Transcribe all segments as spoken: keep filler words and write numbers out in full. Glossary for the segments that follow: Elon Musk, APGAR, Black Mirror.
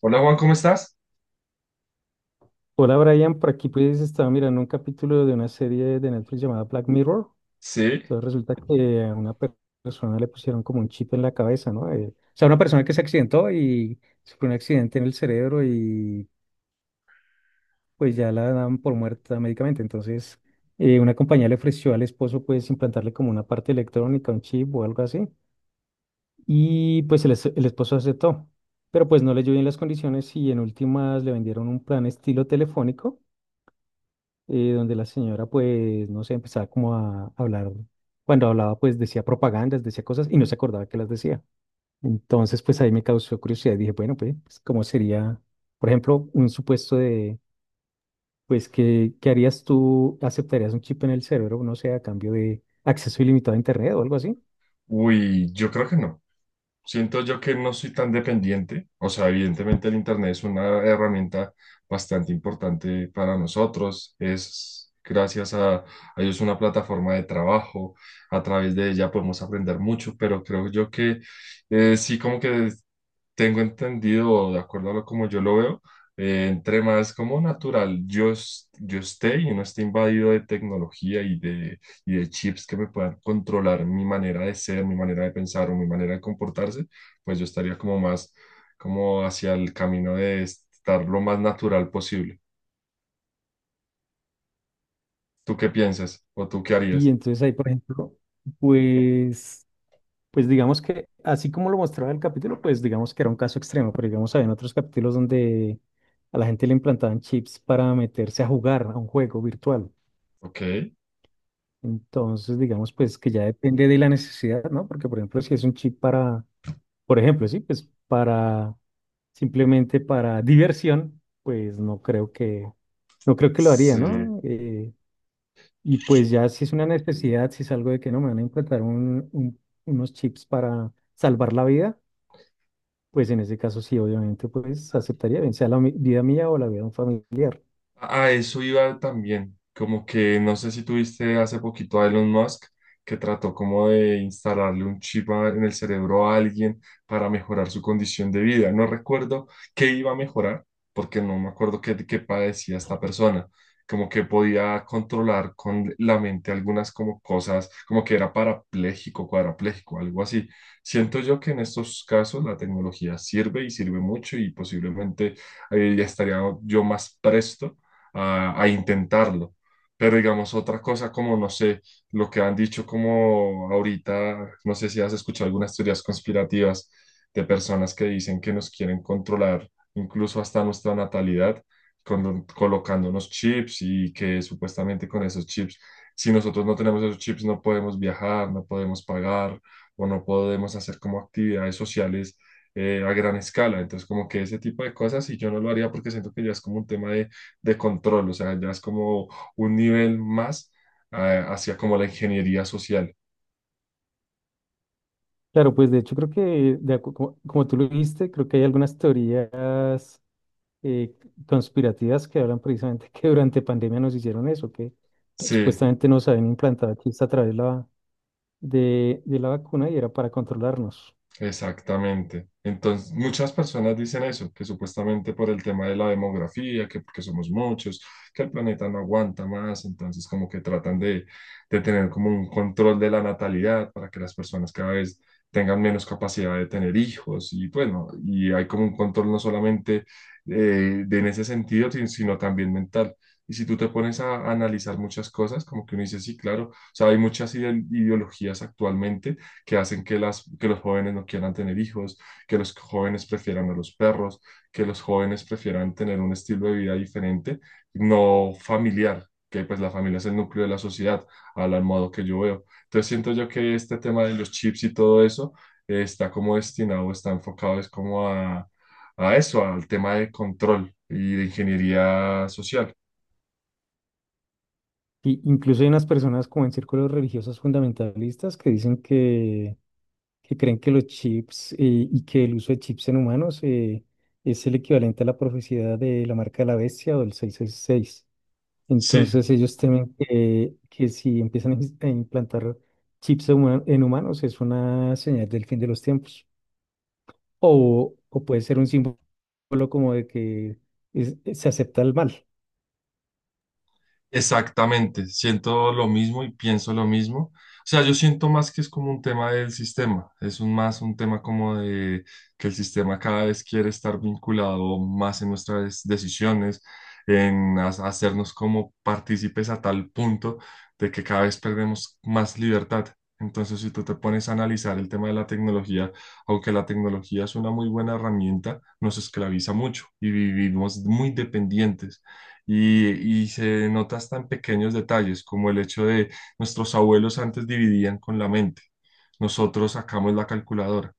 Hola Juan, ¿cómo estás? Hola Brian, por aquí pues estaba mirando un capítulo de una serie de Netflix llamada Black Mirror. Sí, Entonces resulta que a una per- persona le pusieron como un chip en la cabeza, ¿no? Eh, o sea, una persona que se accidentó y sufrió un accidente en el cerebro y pues ya la daban por muerta médicamente. Entonces eh, una compañía le ofreció al esposo pues implantarle como una parte electrónica, un chip o algo así. Y pues el, es- el esposo aceptó, pero pues no leyó bien las condiciones y en últimas le vendieron un plan estilo telefónico eh, donde la señora, pues, no sé, empezaba como a hablar, cuando hablaba, pues decía propagandas, decía cosas y no se acordaba que las decía. Entonces, pues ahí me causó curiosidad y dije, bueno, pues, pues, ¿cómo sería, por ejemplo, un supuesto de, pues, ¿qué, qué harías tú? ¿Aceptarías un chip en el cerebro, no sé, a cambio de acceso ilimitado a Internet o algo así? uy, yo creo que no. Siento yo que no soy tan dependiente. O sea, evidentemente el Internet es una herramienta bastante importante para nosotros. Es gracias a, a ellos una plataforma de trabajo. A través de ella podemos aprender mucho, pero creo yo que eh, sí, como que tengo entendido, de acuerdo a lo como yo lo veo, eh, entre más como natural yo, es- yo esté y no esté invadido de tecnología y de, y de chips que me puedan controlar mi manera de ser, mi manera de pensar o mi manera de comportarse, pues yo estaría como más como hacia el camino de estar lo más natural posible. ¿Tú qué piensas? ¿O tú qué Y harías? entonces ahí, por ejemplo, pues... Pues digamos que, así como lo mostraba el capítulo, pues digamos que era un caso extremo, pero digamos, había otros capítulos donde a la gente le implantaban chips para meterse a jugar a un juego virtual. Ok. Entonces, digamos, pues que ya depende de la necesidad, ¿no? Porque, por ejemplo, si es un chip para, por ejemplo, sí, pues para, simplemente para diversión, pues no creo que, no creo que lo haría, Sí. ¿no? Eh, y pues ya si es una necesidad, si es algo de que no me van a implantar un, un- unos chips para salvar la vida. Pues en ese caso sí, obviamente, pues aceptaría, bien sea la mi- vida mía o la vida de un familiar. A eso iba también, como que no sé si tuviste hace poquito a Elon Musk que trató como de instalarle un chip a- en el cerebro a alguien para mejorar su condición de vida. No recuerdo qué iba a mejorar, porque no me acuerdo qué, qué padecía esta persona. Como que podía controlar con la mente algunas como cosas, como que era parapléjico, cuadrapléjico, algo así. Siento yo que en estos casos la tecnología sirve y sirve mucho y posiblemente eh, ya estaría yo más presto a, a intentarlo. Pero digamos, otra cosa como, no sé, lo que han dicho como ahorita, no sé si has escuchado algunas teorías conspirativas de personas que dicen que nos quieren controlar incluso hasta nuestra natalidad, con- colocándonos chips y que supuestamente con esos chips, si nosotros no tenemos esos chips, no podemos viajar, no podemos pagar o no podemos hacer como actividades sociales eh, a gran escala. Entonces, como que ese tipo de cosas, y yo no lo haría porque siento que ya es como un tema de control, o sea, ya es como un nivel más eh, hacia como la ingeniería social. Claro, pues de hecho creo que, de acu- como, como tú lo viste creo que hay algunas teorías eh, conspirativas que hablan precisamente que durante pandemia nos hicieron eso, que no, Sí. supuestamente nos habían implantado chips a través de la, de, de la vacuna y era para controlarnos. Exactamente. Entonces, muchas personas dicen eso, que supuestamente por el tema de la demografía, que porque somos muchos, que el planeta no aguanta más, entonces como que tratan de, de tener como un control de la natalidad para que las personas cada vez tengan menos capacidad de tener hijos y bueno, y hay como un control no solamente eh, de en ese sentido, sin- sino también mental. Y si tú te pones a analizar muchas cosas, como que uno dice, sí, claro, o sea, hay muchas ide- ideologías actualmente que hacen que, las, que los jóvenes no quieran tener hijos, que los jóvenes prefieran a los perros, que los jóvenes prefieran tener un estilo de vida diferente, no familiar, que pues la familia es el núcleo de la sociedad, al modo que yo veo. Entonces siento yo que este tema de los chips y todo eso eh, está como destinado, está enfocado es como a, a eso, al tema de control y de ingeniería social. Y incluso hay unas personas como en círculos religiosos fundamentalistas que dicen que que creen que los chips eh, y que el uso de chips en humanos eh, es el equivalente a la profecía de la marca de la bestia o del seiscientos sesenta y seis. Sí. Entonces ellos temen que, que si empiezan a ins- a implantar chips en huma- en humanos es una señal del fin de los tiempos. O, o puede ser un símbolo como de que es- se acepta el mal. Exactamente, siento lo mismo y pienso lo mismo. O sea, yo siento más que es como un tema del sistema, es un más un tema como de que el sistema cada vez quiere estar vinculado más en nuestras decisiones, en ha- hacernos como partícipes a tal punto de que cada vez perdemos más libertad. Entonces, si tú te pones a analizar el tema de la tecnología, aunque la tecnología es una muy buena herramienta, nos esclaviza mucho y vivimos muy dependientes y, y se nota hasta en pequeños detalles, como el hecho de nuestros abuelos antes dividían con la mente, nosotros sacamos la calculadora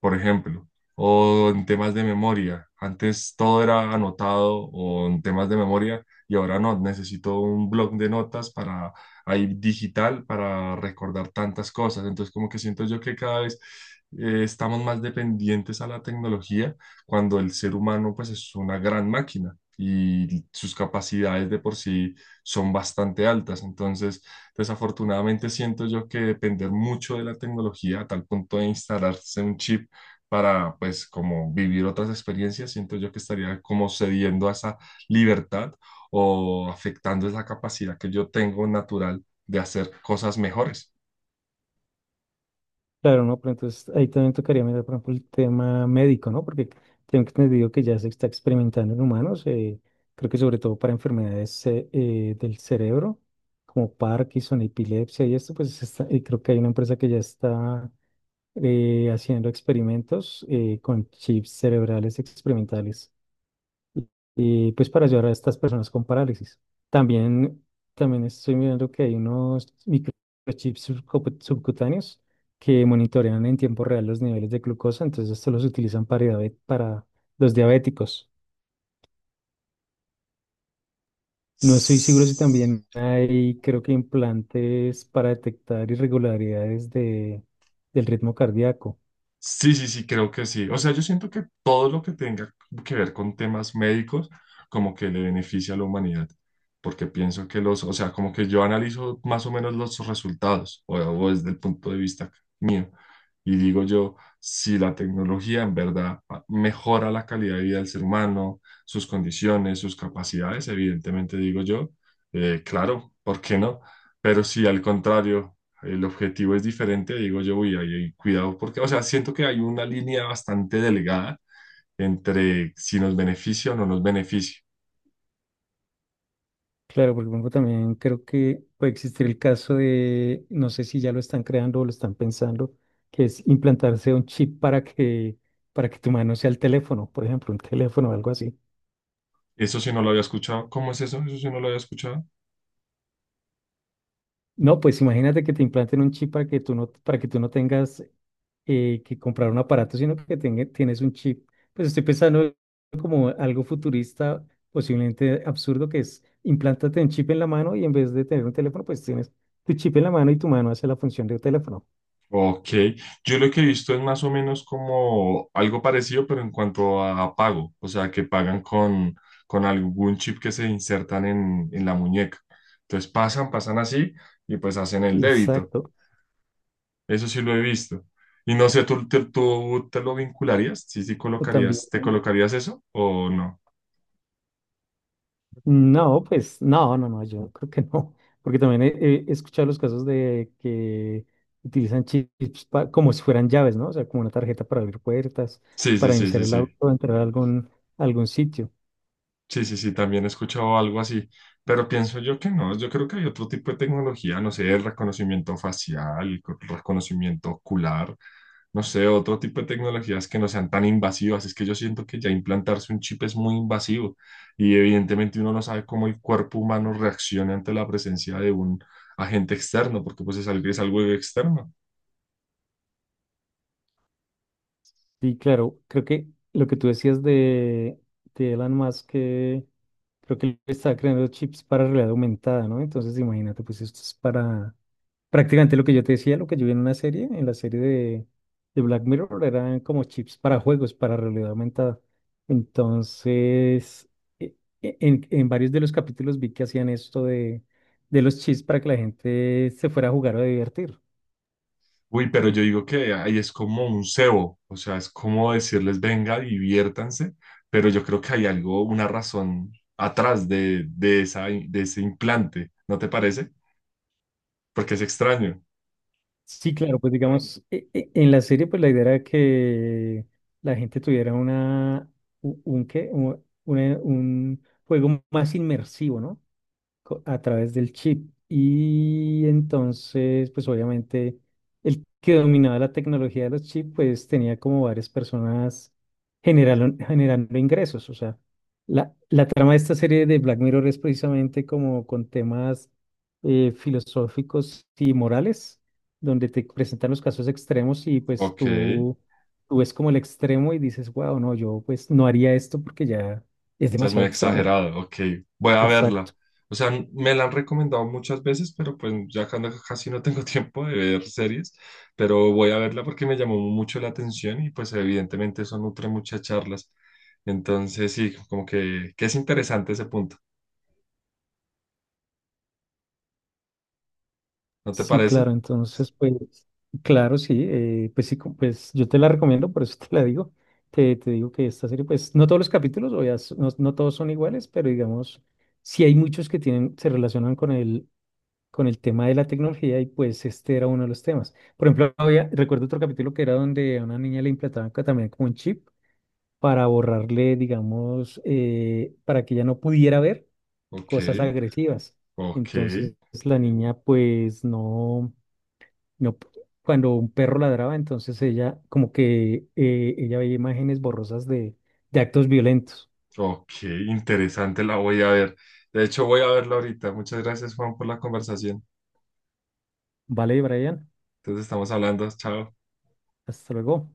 por ejemplo, o en temas de memoria. Antes todo era anotado o en temas de memoria y ahora no, necesito un blog de notas para ahí digital para recordar tantas cosas. Entonces como que siento yo que cada vez eh, estamos más dependientes a la tecnología cuando el ser humano pues es una gran máquina. Y sus capacidades de por sí son bastante altas. Entonces, desafortunadamente siento yo que depender mucho de la tecnología a tal punto de instalarse un chip para pues como vivir otras experiencias, siento yo que estaría como cediendo a esa libertad o afectando esa capacidad que yo tengo natural de hacer cosas mejores. Claro, ¿no? Pero entonces ahí también tocaría mirar, por ejemplo, el tema médico, ¿no? Porque tengo entendido que ya se está experimentando en humanos, eh, creo que sobre todo para enfermedades eh, eh, del cerebro, como Parkinson, epilepsia y esto, pues está- y creo que hay una empresa que ya está eh, haciendo experimentos eh, con chips cerebrales experimentales y pues para ayudar a estas personas con parálisis. También, también estoy mirando que hay unos microchips subcu- subcutáneos que monitorean en tiempo real los niveles de glucosa, entonces estos los utilizan para, diabe- para los diabéticos. No estoy seguro si también hay, creo que implantes para detectar irregularidades de, del ritmo cardíaco. Sí, sí, sí, creo que sí. O sea, yo siento que todo lo que tenga que ver con temas médicos, como que le beneficia a la humanidad, porque pienso que los, o sea, como que yo analizo más o menos los resultados, o, o desde el punto de vista mío, y digo yo, si la tecnología en verdad mejora la calidad de vida del ser humano, sus condiciones, sus capacidades, evidentemente digo yo, eh, claro, ¿por qué no? Pero si al contrario el objetivo es diferente, digo yo, uy, ahí hay cuidado, porque, o sea, siento que hay una línea bastante delgada entre si nos beneficia o no nos beneficia. Claro, porque por ejemplo, también creo que puede existir el caso de, no sé si ya lo están creando o lo están pensando, que es implantarse un chip para que, para que tu mano sea el teléfono, por ejemplo, un teléfono o algo así. Eso sí no lo había escuchado. ¿Cómo es eso? Eso sí no lo había escuchado. No, pues imagínate que te implanten un chip para que tú no, para que tú no tengas eh, que comprar un aparato, sino que tenga- tienes un chip. Pues estoy pensando como algo futurista, posiblemente absurdo, que es implántate un chip en la mano y en vez de tener un teléfono, pues tienes tu chip en la mano y tu mano hace la función de un teléfono. Ok, yo lo que he visto es más o menos como algo parecido, pero en cuanto a pago, o sea, que pagan con, con algún chip que se insertan en, en la muñeca. Entonces pasan, pasan así y pues hacen el débito. Exacto. Eso sí lo he visto. Y no sé, ¿tú, tú, tú te lo vincularías? ¿Sí, sí O también, colocarías, te colocarías eso o no? no, pues no, no, no, yo creo que no, porque también he, he escuchado los casos de que utilizan chips pa- como si fueran llaves, ¿no? O sea, como una tarjeta para abrir puertas, Sí, sí, para sí, iniciar sí, el sí. auto, entrar a algún, algún sitio. Sí, sí, sí, también he escuchado algo así, pero pienso yo que no, yo creo que hay otro tipo de tecnología, no sé, reconocimiento facial, co- reconocimiento ocular, no sé, otro tipo de tecnologías que no sean tan invasivas. Es que yo siento que ya implantarse un chip es muy invasivo y evidentemente uno no sabe cómo el cuerpo humano reacciona ante la presencia de un agente externo, porque pues es algo, es algo externo. Y claro, creo que lo que tú decías de, de Elon Musk, que creo que él está creando chips para realidad aumentada, ¿no? Entonces, imagínate, pues esto es para. Prácticamente lo que yo te decía, lo que yo vi en una serie, en la serie de, de Black Mirror, eran como chips para juegos, para realidad aumentada. Entonces, e- e- en, en varios de los capítulos vi que hacían esto de, de los chips para que la gente se fuera a jugar o a divertir. Uy, pero yo digo que ahí es como un cebo, o sea, es como decirles, venga, diviértanse, pero yo creo que hay algo, una razón atrás de, de esa, de ese implante, ¿no te parece? Porque es extraño. Sí, claro, pues digamos, e- e- en la serie, pues la idea era que la gente tuviera una, u- un, qué, un, una- un juego más inmersivo, ¿no? co- a través del chip. Y entonces, pues obviamente, el que dominaba la tecnología de los chips, pues tenía como varias personas generalo- generando ingresos. O sea, la, la trama de esta serie de Black Mirror es precisamente como con temas eh, filosóficos y morales, donde te presentan los casos extremos y pues Ok. tú, tú ves como el extremo y dices, wow, no, yo pues no haría esto porque ya es Ya es muy demasiado extremo. exagerado, ok, voy a verla. Exacto. O sea, me la han recomendado muchas veces, pero pues ya cuando casi no tengo tiempo de ver series, pero voy a verla porque me llamó mucho la atención y pues evidentemente eso nutre muchas charlas. Entonces sí, como que, que es interesante ese punto, ¿no te Sí, claro, parece? entonces, pues, claro, sí, eh, pues sí, co- pues yo te la recomiendo, por eso te la digo. Te, te digo que esta serie, pues, no todos los capítulos, o ya s- no, no todos son iguales, pero digamos, sí hay muchos que tienen, se relacionan con el, con el tema de la tecnología y pues este era uno de los temas. Por ejemplo, había, recuerdo otro capítulo que era donde a una niña le implantaban ca- también como un chip para borrarle, digamos, eh, para que ella no pudiera ver Ok, cosas agresivas. ok, Entonces, la niña, pues, no. No, p- cuando un perro ladraba, entonces ella, como que eh, ella veía imágenes borrosas de, de actos violentos. ok, interesante, la voy a ver. De hecho, voy a verla ahorita. Muchas gracias, Juan, por la conversación. Vale, Brian, Entonces estamos hablando, chao. hasta luego.